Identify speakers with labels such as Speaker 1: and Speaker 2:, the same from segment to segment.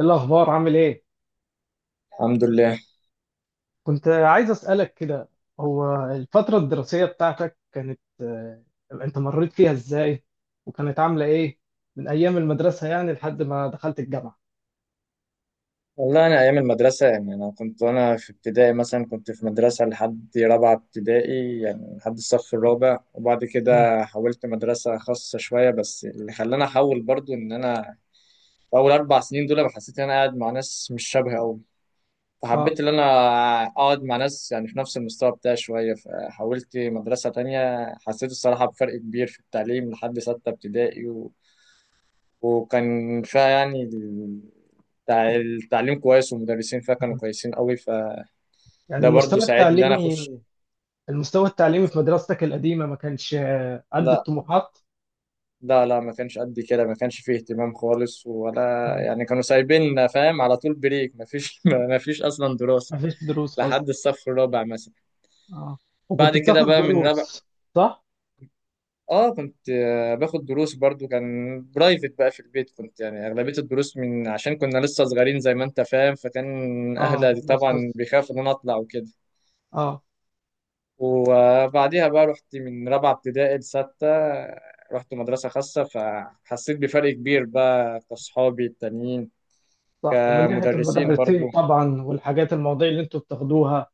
Speaker 1: إيه الأخبار عامل إيه؟
Speaker 2: الحمد لله.
Speaker 1: كنت عايز أسألك كده. هو الفترة الدراسية بتاعتك كانت أنت مريت فيها إزاي؟ وكانت عاملة إيه؟ من أيام المدرسة يعني لحد ما دخلت الجامعة.
Speaker 2: والله أنا أيام المدرسة، أنا كنت وأنا في ابتدائي مثلا كنت في مدرسة لحد رابعة ابتدائي، يعني لحد الصف الرابع، وبعد
Speaker 1: مم.
Speaker 2: كده حولت مدرسة خاصة شوية. بس اللي خلاني أحول برضو إن أنا في أول أربع سنين دول أنا حسيت إن أنا قاعد مع ناس مش شبهي أوي،
Speaker 1: آه.
Speaker 2: فحبيت إن أنا أقعد مع ناس يعني في نفس المستوى بتاعي شوية، فحولت مدرسة تانية. حسيت الصراحة بفرق كبير في التعليم لحد ستة ابتدائي، وكان فيها يعني التعليم كويس والمدرسين فيها كانوا
Speaker 1: مم.
Speaker 2: كويسين قوي، فده
Speaker 1: يعني
Speaker 2: برضو
Speaker 1: المستوى
Speaker 2: ساعدني ان انا
Speaker 1: التعليمي
Speaker 2: اخش.
Speaker 1: المستوى التعليمي في مدرستك القديمة ما كانش قد
Speaker 2: لا
Speaker 1: الطموحات؟
Speaker 2: لا لا، ما كانش قد كده، ما كانش فيه اهتمام خالص ولا
Speaker 1: مم.
Speaker 2: يعني، كانوا سايبيننا فاهم؟ على طول بريك، ما فيش ما فيش اصلا دراسة
Speaker 1: ما فيش دروس أصلا.
Speaker 2: لحد الصف الرابع مثلا.
Speaker 1: آه، وكنت
Speaker 2: بعد كده
Speaker 1: بتاخد
Speaker 2: بقى من رابع،
Speaker 1: دروس صح؟
Speaker 2: اه كنت باخد دروس برضو، كان برايفت بقى في البيت، كنت يعني اغلبية الدروس، من عشان كنا لسه صغيرين زي ما انت فاهم، فكان
Speaker 1: آه،
Speaker 2: اهلي
Speaker 1: دروس
Speaker 2: طبعا
Speaker 1: خاصة.
Speaker 2: بيخافوا ان انا اطلع وكده.
Speaker 1: آه.
Speaker 2: وبعديها بقى رحت من رابعة ابتدائي لستة، رحت مدرسة خاصة، فحسيت بفرق كبير بقى كأصحابي التانيين.
Speaker 1: صح، ومن ناحية
Speaker 2: كمدرسين برضو،
Speaker 1: المدرسين طبعا والحاجات المواضيع اللي أنتوا بتاخدوها.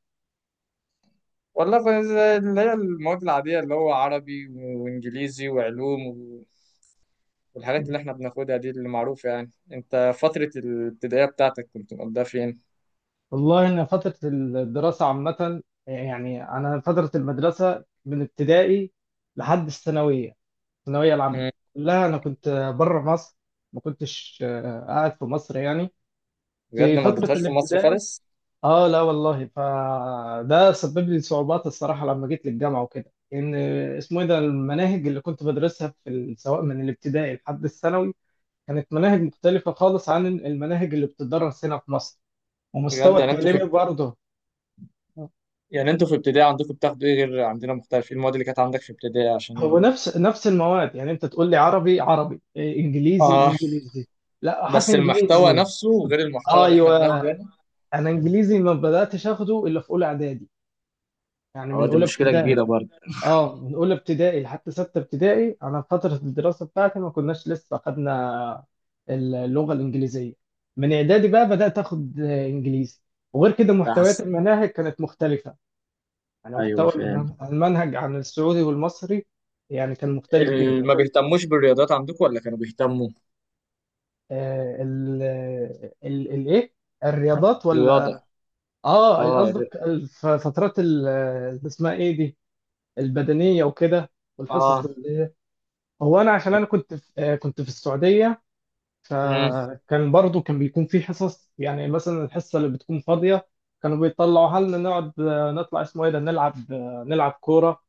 Speaker 2: والله زي اللي هي المواد العادية اللي هو عربي وإنجليزي وعلوم و- والحاجات اللي احنا بناخدها دي اللي معروفة. يعني انت فترة الابتدائية بتاعتك كنت مقضيها فين؟
Speaker 1: والله إن فترة الدراسة عامة، يعني أنا فترة المدرسة من ابتدائي لحد الثانوية، الثانوية العامة
Speaker 2: مم.
Speaker 1: كلها أنا كنت بره مصر، ما كنتش قاعد في مصر يعني. في
Speaker 2: بجد ما
Speaker 1: فترة
Speaker 2: قضيتهاش في مصر
Speaker 1: الابتدائي
Speaker 2: خالص؟
Speaker 1: آه لا والله، فده سبب لي صعوبات الصراحة لما جيت للجامعة وكده، إن اسمه إيه ده المناهج اللي كنت بدرسها في سواء من الابتدائي لحد الثانوي كانت مناهج مختلفة خالص عن المناهج اللي بتدرس هنا في مصر، ومستوى
Speaker 2: بجد
Speaker 1: التعليمي برضه
Speaker 2: يعني انتوا في ابتدائي عندكم بتاخدوا ايه؟ غير عندنا مختلف، ايه المواد اللي كانت عندك في ابتدائي
Speaker 1: هو
Speaker 2: عشان؟
Speaker 1: نفس المواد. يعني انت تقول لي عربي عربي إيه، انجليزي
Speaker 2: اه.
Speaker 1: انجليزي. لا حتى
Speaker 2: بس المحتوى
Speaker 1: انجليزي.
Speaker 2: نفسه غير المحتوى اللي احنا
Speaker 1: ايوه،
Speaker 2: بناخده هنا.
Speaker 1: انا انجليزي ما بداتش اخده الا في اولى اعدادي، يعني
Speaker 2: اه
Speaker 1: من
Speaker 2: دي
Speaker 1: اولى
Speaker 2: مشكلة
Speaker 1: ابتدائي.
Speaker 2: كبيرة برضه.
Speaker 1: اه، من اولى ابتدائي لحد سته ابتدائي انا في فتره الدراسه بتاعتي ما كناش لسه اخدنا اللغه الانجليزيه، من اعدادي بقى بدات اخد انجليزي، وغير كده محتويات
Speaker 2: تحس.
Speaker 1: المناهج كانت مختلفه. يعني
Speaker 2: ايوه
Speaker 1: محتوى
Speaker 2: فاهم.
Speaker 1: المنهج عن السعودي والمصري، يعني كان مختلف جدا.
Speaker 2: ما بيهتموش بالرياضات عندكم ولا كانوا بيهتموا؟
Speaker 1: آه، ال ال الايه الرياضات
Speaker 2: رياضة.
Speaker 1: ولا؟ اه
Speaker 2: اه ر-
Speaker 1: قصدك فترات اللي اسمها ايه دي، البدنيه وكده، والحصص
Speaker 2: اه.
Speaker 1: هو انا عشان انا كنت في آه، كنت في السعوديه،
Speaker 2: امم.
Speaker 1: فكان برضو كان بيكون في حصص. يعني مثلا الحصه اللي بتكون فاضيه كانوا بيطلعوا حالنا، نقعد آه، نطلع اسمه ايه ده نلعب كوره.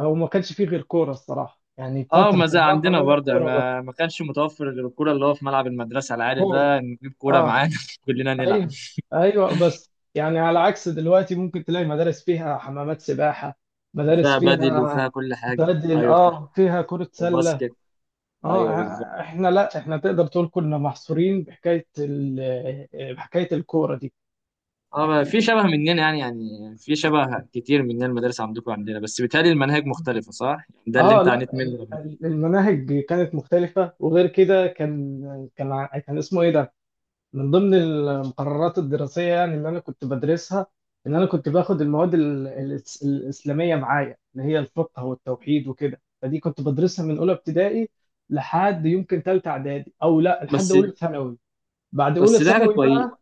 Speaker 1: هو ما كانش فيه غير كوره الصراحه، يعني
Speaker 2: اه
Speaker 1: فتره
Speaker 2: ما زي
Speaker 1: الراحه
Speaker 2: عندنا
Speaker 1: لنا
Speaker 2: برضه،
Speaker 1: كوره بقى.
Speaker 2: ما كانش متوفر غير الكورة، اللي هو في ملعب المدرسة العالي
Speaker 1: كوره،
Speaker 2: ده نجيب كورة
Speaker 1: اه.
Speaker 2: معانا كلنا نلعب.
Speaker 1: ايوه، ايوه، بس يعني على عكس دلوقتي ممكن تلاقي مدارس فيها حمامات سباحه، مدارس
Speaker 2: فيها بدل
Speaker 1: فيها
Speaker 2: وفيها كل حاجة،
Speaker 1: بدل،
Speaker 2: ايوه فاهم.
Speaker 1: اه، فيها كره سله.
Speaker 2: وباسكت.
Speaker 1: اه،
Speaker 2: ايوه بالظبط.
Speaker 1: احنا لا، احنا تقدر تقول كنا محصورين بحكايه بحكايه الكوره دي.
Speaker 2: اه بقى في شبه مننا، يعني في شبه كتير مننا، المدارس عندكم عندنا، بس بيتهيألي المناهج مختلفة صح؟ يعني ده اللي
Speaker 1: اه
Speaker 2: انت عانيت
Speaker 1: لا،
Speaker 2: منه لما جيت.
Speaker 1: المناهج كانت مختلفه، وغير كده كان اسمه ايه ده من ضمن المقررات الدراسية، يعني اللي أنا كنت بدرسها إن أنا كنت باخد المواد الإسلامية معايا، اللي هي الفقه والتوحيد وكده، فدي كنت بدرسها من أولى ابتدائي لحد يمكن تالتة إعدادي، أو لا لحد
Speaker 2: بس
Speaker 1: أولى ثانوي. بعد أولى
Speaker 2: بس ده حاجة
Speaker 1: ثانوي
Speaker 2: كويسة.
Speaker 1: بقى.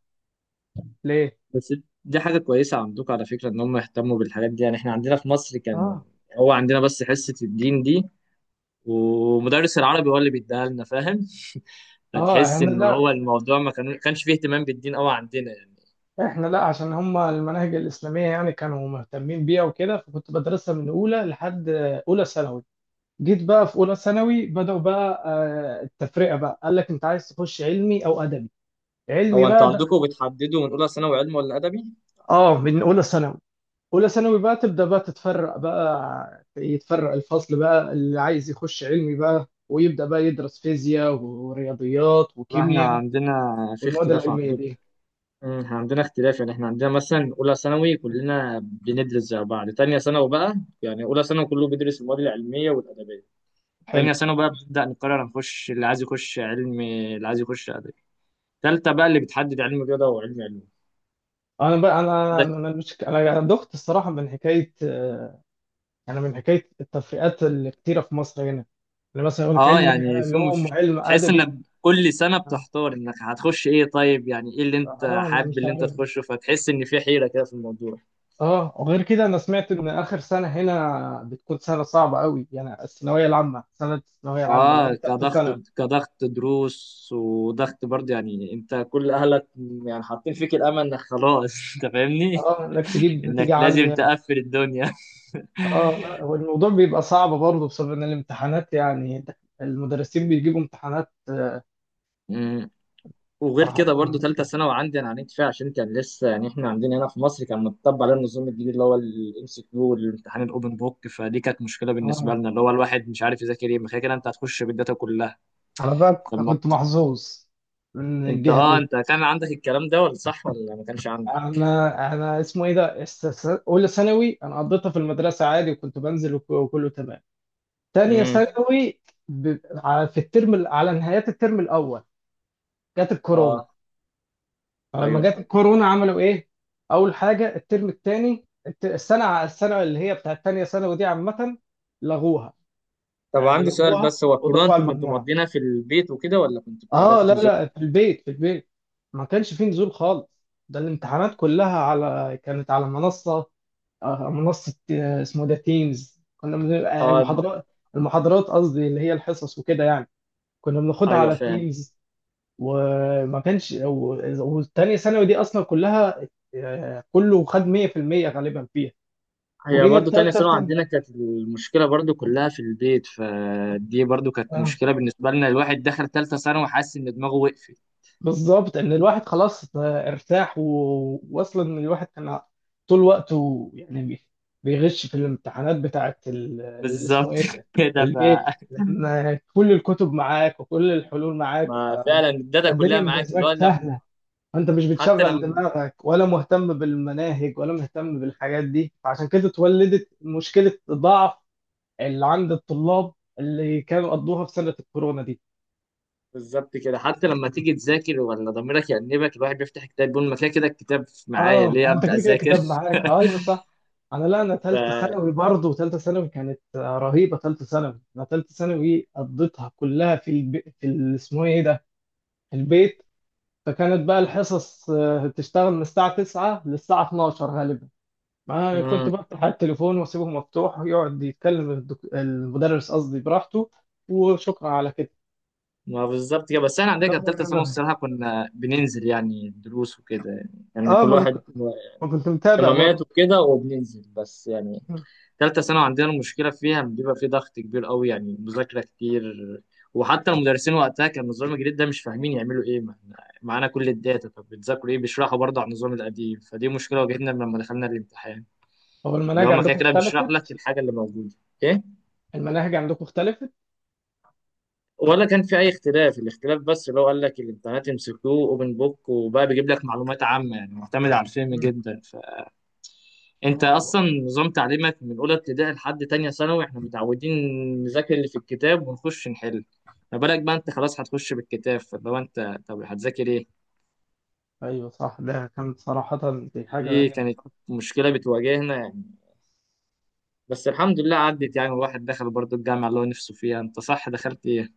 Speaker 1: ليه؟
Speaker 2: بس دي حاجة كويسة عندكم على فكرة، ان هم يهتموا بالحاجات دي. يعني احنا عندنا في مصر كان،
Speaker 1: آه.
Speaker 2: هو عندنا بس حصة الدين دي، ومدرس العربي هو اللي بيديها لنا، فاهم؟
Speaker 1: آه،
Speaker 2: فتحس
Speaker 1: إحنا
Speaker 2: ان
Speaker 1: لا،
Speaker 2: هو الموضوع ما كان- كانش فيه اهتمام بالدين قوي عندنا يعني.
Speaker 1: إحنا لا عشان هما المناهج الإسلامية يعني كانوا مهتمين بيها وكده، فكنت بدرسها من أولى لحد أولى ثانوي. جيت بقى في أولى ثانوي بدأوا بقى التفرقة بقى، قال لك أنت عايز تخش علمي أو أدبي. علمي
Speaker 2: هو انتوا
Speaker 1: بقى ده.
Speaker 2: عندكم بتحددوا من اولى ثانوي علم ولا ادبي؟
Speaker 1: اه، من اولى ثانوي. اولى ثانوي بقى تبدا بقى تتفرق، بقى يتفرق الفصل بقى، اللي عايز يخش علمي بقى ويبدا بقى يدرس فيزياء ورياضيات
Speaker 2: لا، احنا
Speaker 1: وكيمياء
Speaker 2: عندنا في
Speaker 1: والمواد
Speaker 2: اختلاف
Speaker 1: العلميه
Speaker 2: عندكم.
Speaker 1: دي.
Speaker 2: مم، احنا عندنا اختلاف. يعني احنا عندنا مثلا اولى ثانوي كلنا بندرس زي بعض، تانية ثانوي بقى، يعني اولى ثانوي كله بيدرس المواد العلميه والادبيه،
Speaker 1: حلو.
Speaker 2: تانية ثانوي بقى بنبدا نقرر نخش اللي عايز يخش علم اللي عايز يخش ادبي، تالتة بقى اللي بتحدد علم رياضه وعلم علوم.
Speaker 1: انا بقى، انا
Speaker 2: عندك.
Speaker 1: انا مش، انا دخت الصراحه من حكايه، انا من حكايه التفرقات الكتيره في مصر هنا. يعني مثلا يقول لك
Speaker 2: اه
Speaker 1: علمي
Speaker 2: يعني فيهم
Speaker 1: علوم
Speaker 2: في...
Speaker 1: وعلم
Speaker 2: تحس
Speaker 1: ادبي.
Speaker 2: انك كل سنه
Speaker 1: اه.
Speaker 2: بتحتار انك هتخش ايه، طيب يعني ايه اللي انت
Speaker 1: انا
Speaker 2: حابب
Speaker 1: مش
Speaker 2: اللي انت
Speaker 1: عارف.
Speaker 2: تخشه، فتحس ان في حيره كده في الموضوع.
Speaker 1: اه، وغير كده انا سمعت ان اخر سنه هنا بتكون سنه صعبه قوي، يعني الثانويه العامه، سنه الثانويه العامه اللي
Speaker 2: اه
Speaker 1: هي ثالثه
Speaker 2: كضغط،
Speaker 1: ثانوي.
Speaker 2: كضغط دروس وضغط برضه، يعني انت كل اهلك يعني حاطين فيك الامل، انك خلاص انت فاهمني،
Speaker 1: اه، انك تجيب
Speaker 2: انك
Speaker 1: نتيجه
Speaker 2: لازم
Speaker 1: عاليه.
Speaker 2: تقفل الدنيا.
Speaker 1: اه لا، والموضوع بيبقى صعب برضه بسبب ان الامتحانات يعني المدرسين بيجيبوا امتحانات
Speaker 2: أمم. وغير
Speaker 1: صراحه
Speaker 2: كده برضه ثالثه
Speaker 1: علينا.
Speaker 2: ثانوي عندي انا عانيت فيها، عشان كان لسه يعني احنا عندنا هنا في مصر كان متطبق على النظام الجديد اللي هو الام سي كيو والامتحان الاوبن بوك، فدي كانت مشكله بالنسبه
Speaker 1: اه،
Speaker 2: لنا، اللي هو الواحد مش عارف يذاكر ايه، ما كده كده انت هتخش بالداتا كلها.
Speaker 1: انا بقى
Speaker 2: فالموضوع،
Speaker 1: كنت محظوظ من
Speaker 2: انت
Speaker 1: الجهه
Speaker 2: اه
Speaker 1: دي.
Speaker 2: انت كان عندك الكلام ده ولا صح ولا ما كانش عندك؟
Speaker 1: انا اسمه ايه ده اولى ثانوي انا قضيتها في المدرسه عادي، وكنت بنزل وكله تمام. تانية
Speaker 2: امم.
Speaker 1: ثانوي ب... على- في الترم ال- على نهايات الترم الأول جت الكورونا.
Speaker 2: اه.
Speaker 1: فلما
Speaker 2: ايوه.
Speaker 1: جت الكورونا عملوا إيه؟ أول حاجة الترم التاني السنة اللي هي بتاعت تانية ثانوي دي عامة لغوها.
Speaker 2: طب
Speaker 1: يعني
Speaker 2: عندي سؤال
Speaker 1: لغوها
Speaker 2: بس، هو الكورونا
Speaker 1: وضافوها على
Speaker 2: انتوا كنتوا
Speaker 1: المجموعة.
Speaker 2: مقضينها في البيت وكده ولا كنتوا
Speaker 1: آه
Speaker 2: بتعرفوا
Speaker 1: لا
Speaker 2: تنزلوا؟
Speaker 1: لا، في البيت، في البيت، ما كانش فيه نزول خالص. ده الامتحانات كلها كانت على منصة، منصة اسمه ده تيمز.
Speaker 2: اه.
Speaker 1: المحاضرات قصدي اللي هي الحصص وكده، يعني كنا بناخدها
Speaker 2: ايوه
Speaker 1: على
Speaker 2: فاهم.
Speaker 1: تيمز. وما كانش والتانية ثانوي دي أصلا كلها، كله خد 100% غالبا فيها.
Speaker 2: هي
Speaker 1: وجينا
Speaker 2: برضو تانية
Speaker 1: التالتة
Speaker 2: ثانوي
Speaker 1: ثانوي
Speaker 2: عندنا كانت المشكلة برضو كلها في البيت، فدي برضو كانت
Speaker 1: آه،
Speaker 2: مشكلة بالنسبة لنا، الواحد دخل تالتة ثانوي وحاسس إن دماغه وقفت.
Speaker 1: بالظبط إن الواحد خلاص ارتاح، وأصلا الواحد كان طول وقته يعني بيغش في الامتحانات بتاعة اللي اسمه
Speaker 2: بالظبط
Speaker 1: إيه ده، في
Speaker 2: كده ف.
Speaker 1: البيت، لأن كل الكتب معاك وكل الحلول معاك
Speaker 2: ما فعلا الداتا
Speaker 1: فالدنيا
Speaker 2: كلها معاك،
Speaker 1: بالنسبة
Speaker 2: اللي
Speaker 1: لك
Speaker 2: هو لما.
Speaker 1: سهلة. انت مش
Speaker 2: حتى
Speaker 1: بتشغل
Speaker 2: لما.
Speaker 1: دماغك ولا مهتم بالمناهج ولا مهتم بالحاجات دي، فعشان كده اتولدت مشكلة ضعف اللي عند الطلاب اللي كانوا قضوها في سنة الكورونا دي.
Speaker 2: بالظبط كده، حتى لما تيجي تذاكر ولا ضميرك يأنبك، الواحد بيفتح كتاب يقول ما كده كده الكتاب معايا
Speaker 1: اه،
Speaker 2: ليه
Speaker 1: انت
Speaker 2: أبدأ
Speaker 1: كده كده
Speaker 2: أذاكر.
Speaker 1: كتاب معاك، ايوه صح. انا لا، انا ثالثه ثانوي برضه، ثالثه ثانوي كانت رهيبه. ثالثه ثانوي انا، ثالثه ثانوي قضيتها كلها في الب... في ال- اسمه ايه ده، في البيت. فكانت بقى الحصص بتشتغل من الساعه 9 للساعه 12 غالبا.
Speaker 2: ف.
Speaker 1: ما كنت بفتح على التليفون واسيبه مفتوح، يقعد يتكلم المدرس قصدي براحته، وشكرا على كده.
Speaker 2: ما بالظبط كده، بس احنا عندنا كانت
Speaker 1: كبر
Speaker 2: ثالثه ثانوي
Speaker 1: دماغي.
Speaker 2: الصراحه كنا بننزل يعني دروس وكده، يعني
Speaker 1: اه،
Speaker 2: كل
Speaker 1: ما انا
Speaker 2: واحد
Speaker 1: كنت ما كنت متابع
Speaker 2: اهتمامات
Speaker 1: برضه.
Speaker 2: وكده وبننزل، بس يعني
Speaker 1: مم.
Speaker 2: ثالثه ثانوي عندنا المشكله فيها بيبقى في ضغط كبير قوي، يعني مذاكره كتير. وحتى المدرسين وقتها كان النظام الجديد ده مش فاهمين يعملوا ايه، ما إحنا معانا كل الداتا، طب بتذاكروا ايه؟ بيشرحوا برضه على النظام القديم، فدي مشكله واجهتنا لما دخلنا الامتحان،
Speaker 1: هو
Speaker 2: اللي هو
Speaker 1: المناهج
Speaker 2: ما كده
Speaker 1: عندكم
Speaker 2: كده بيشرح لك
Speaker 1: اختلفت.
Speaker 2: الحاجه اللي موجوده. إيه؟
Speaker 1: المناهج عندكم اختلفت.
Speaker 2: ولا كان في اي اختلاف؟ الاختلاف بس اللي هو قال لك الامتحانات يمسكوه اوبن بوك، وبقى بيجيب لك معلومات عامه، يعني معتمد على الفهم
Speaker 1: مم.
Speaker 2: جدا. فانت
Speaker 1: اه
Speaker 2: اصلا نظام تعليمك من اولى ابتدائي لحد تانية ثانوي احنا متعودين نذاكر اللي في الكتاب ونخش نحل. ما بالك بقى انت خلاص هتخش بالكتاب، فاللي هو انت طب هتذاكر ايه؟
Speaker 1: ايوه صح، ده كانت صراحة دي حاجة
Speaker 2: دي
Speaker 1: غريبة.
Speaker 2: كانت مشكله بتواجهنا يعني. بس الحمد لله عدت، يعني الواحد دخل برضه الجامعه اللي هو نفسه فيها. انت صح دخلت ايه؟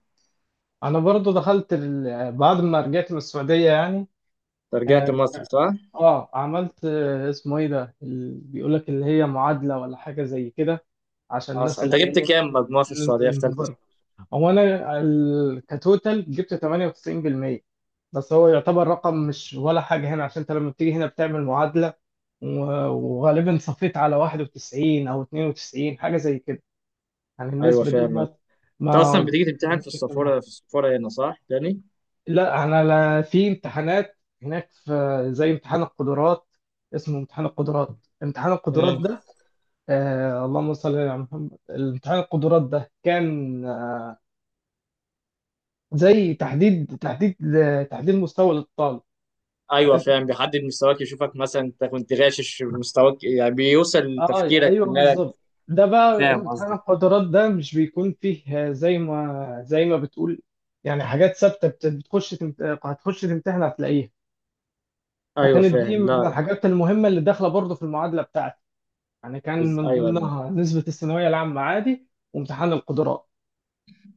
Speaker 1: انا برضه دخلت بعد ما رجعت من السعودية يعني.
Speaker 2: أنت رجعت
Speaker 1: اه،
Speaker 2: مصر صح؟
Speaker 1: عملت اسمه ايه ده بيقول لك اللي هي معادلة ولا حاجة زي كده، عشان الناس
Speaker 2: أصلا انت
Speaker 1: اللي
Speaker 2: جبت
Speaker 1: جاية.
Speaker 2: كام مجموع في السعوديه في ثالثه ثانوي؟
Speaker 1: هو انا كتوتال جبت 98%، بس هو يعتبر رقم مش ولا حاجه هنا، عشان انت لما بتيجي هنا بتعمل معادله، وغالبا صفيت على 91 او 92 حاجه زي كده، يعني
Speaker 2: ايوه
Speaker 1: النسبه دي
Speaker 2: فاهم.
Speaker 1: ما
Speaker 2: انت اصلا
Speaker 1: ما
Speaker 2: بتيجي تمتحن في
Speaker 1: لازمش تمام.
Speaker 2: السفاره، في السفاره هنا صح تاني؟
Speaker 1: لا انا، لا في امتحانات هناك، في زي امتحان القدرات، اسمه امتحان القدرات. امتحان القدرات
Speaker 2: امم.
Speaker 1: ده، آه اللهم صل على محمد، امتحان القدرات ده كان زي تحديد مستوى للطالب.
Speaker 2: ايوه
Speaker 1: يعني أنت-
Speaker 2: فاهم، بيحدد مستواك، يشوفك مثلا انت كنت غاشش في مستواك يعني، بيوصل
Speaker 1: اه
Speaker 2: تفكيرك
Speaker 1: ايوه
Speaker 2: انك.
Speaker 1: بالظبط. ده بقى
Speaker 2: فاهم
Speaker 1: امتحان
Speaker 2: قصدك.
Speaker 1: القدرات ده مش بيكون فيه زي ما بتقول يعني، حاجات ثابته بتخش هتخش تمتحن هتلاقيها.
Speaker 2: ايوه
Speaker 1: فكانت دي
Speaker 2: فاهم.
Speaker 1: من
Speaker 2: لا.
Speaker 1: الحاجات المهمه اللي داخله برضه في المعادله بتاعتي، يعني كان
Speaker 2: بس
Speaker 1: من
Speaker 2: ايوه انا.
Speaker 1: ضمنها نسبه الثانويه العامه عادي وامتحان القدرات.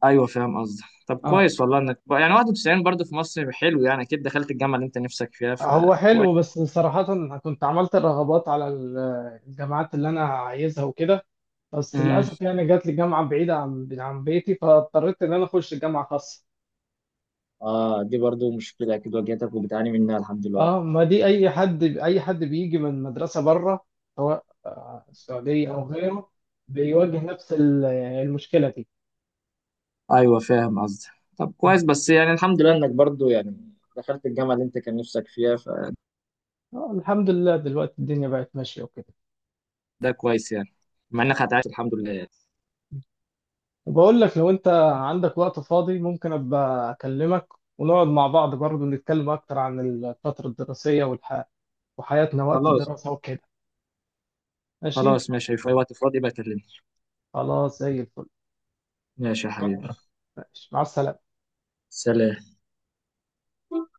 Speaker 2: ايوه فاهم قصدك. طب
Speaker 1: اه.
Speaker 2: كويس والله، يعني 91 برضه في مصر حلو، يعني اكيد دخلت الجامعه اللي انت نفسك فيها،
Speaker 1: هو حلو
Speaker 2: فكويس.
Speaker 1: بس صراحه أنا كنت عملت الرغبات على الجامعات اللي انا عايزها وكده، بس
Speaker 2: امم.
Speaker 1: للاسف يعني جات لي جامعه بعيده عن بيتي، فاضطريت ان انا اخش جامعه خاصه.
Speaker 2: اه دي برضو مشكله اكيد واجهتك وبتعاني منها لحد
Speaker 1: اه،
Speaker 2: دلوقتي.
Speaker 1: ما دي اي حد، اي حد بيجي من مدرسه بره، سواء السعوديه او غيره، بيواجه نفس يعني المشكله دي.
Speaker 2: ايوه فاهم قصدك. طب
Speaker 1: مم.
Speaker 2: كويس، بس يعني الحمد لله انك برضو يعني دخلت الجامعه اللي انت كان نفسك فيها.
Speaker 1: الحمد لله دلوقتي الدنيا بقت ماشيه وكده.
Speaker 2: ده كويس يعني، مع انك هتعيش الحمد لله يعني.
Speaker 1: وبقول لك لو انت عندك وقت فاضي ممكن ابقى اكلمك ونقعد مع بعض برضه نتكلم اكتر عن الفتره الدراسيه وحياتنا وقت
Speaker 2: خلاص.
Speaker 1: الدراسه وكده. ماشي.
Speaker 2: خلاص ماشي، في اي وقت فاضي بكلمني.
Speaker 1: خلاص زي الفل.
Speaker 2: ماشي يا حبيبي.
Speaker 1: ماشي مع السلامه.
Speaker 2: سلام.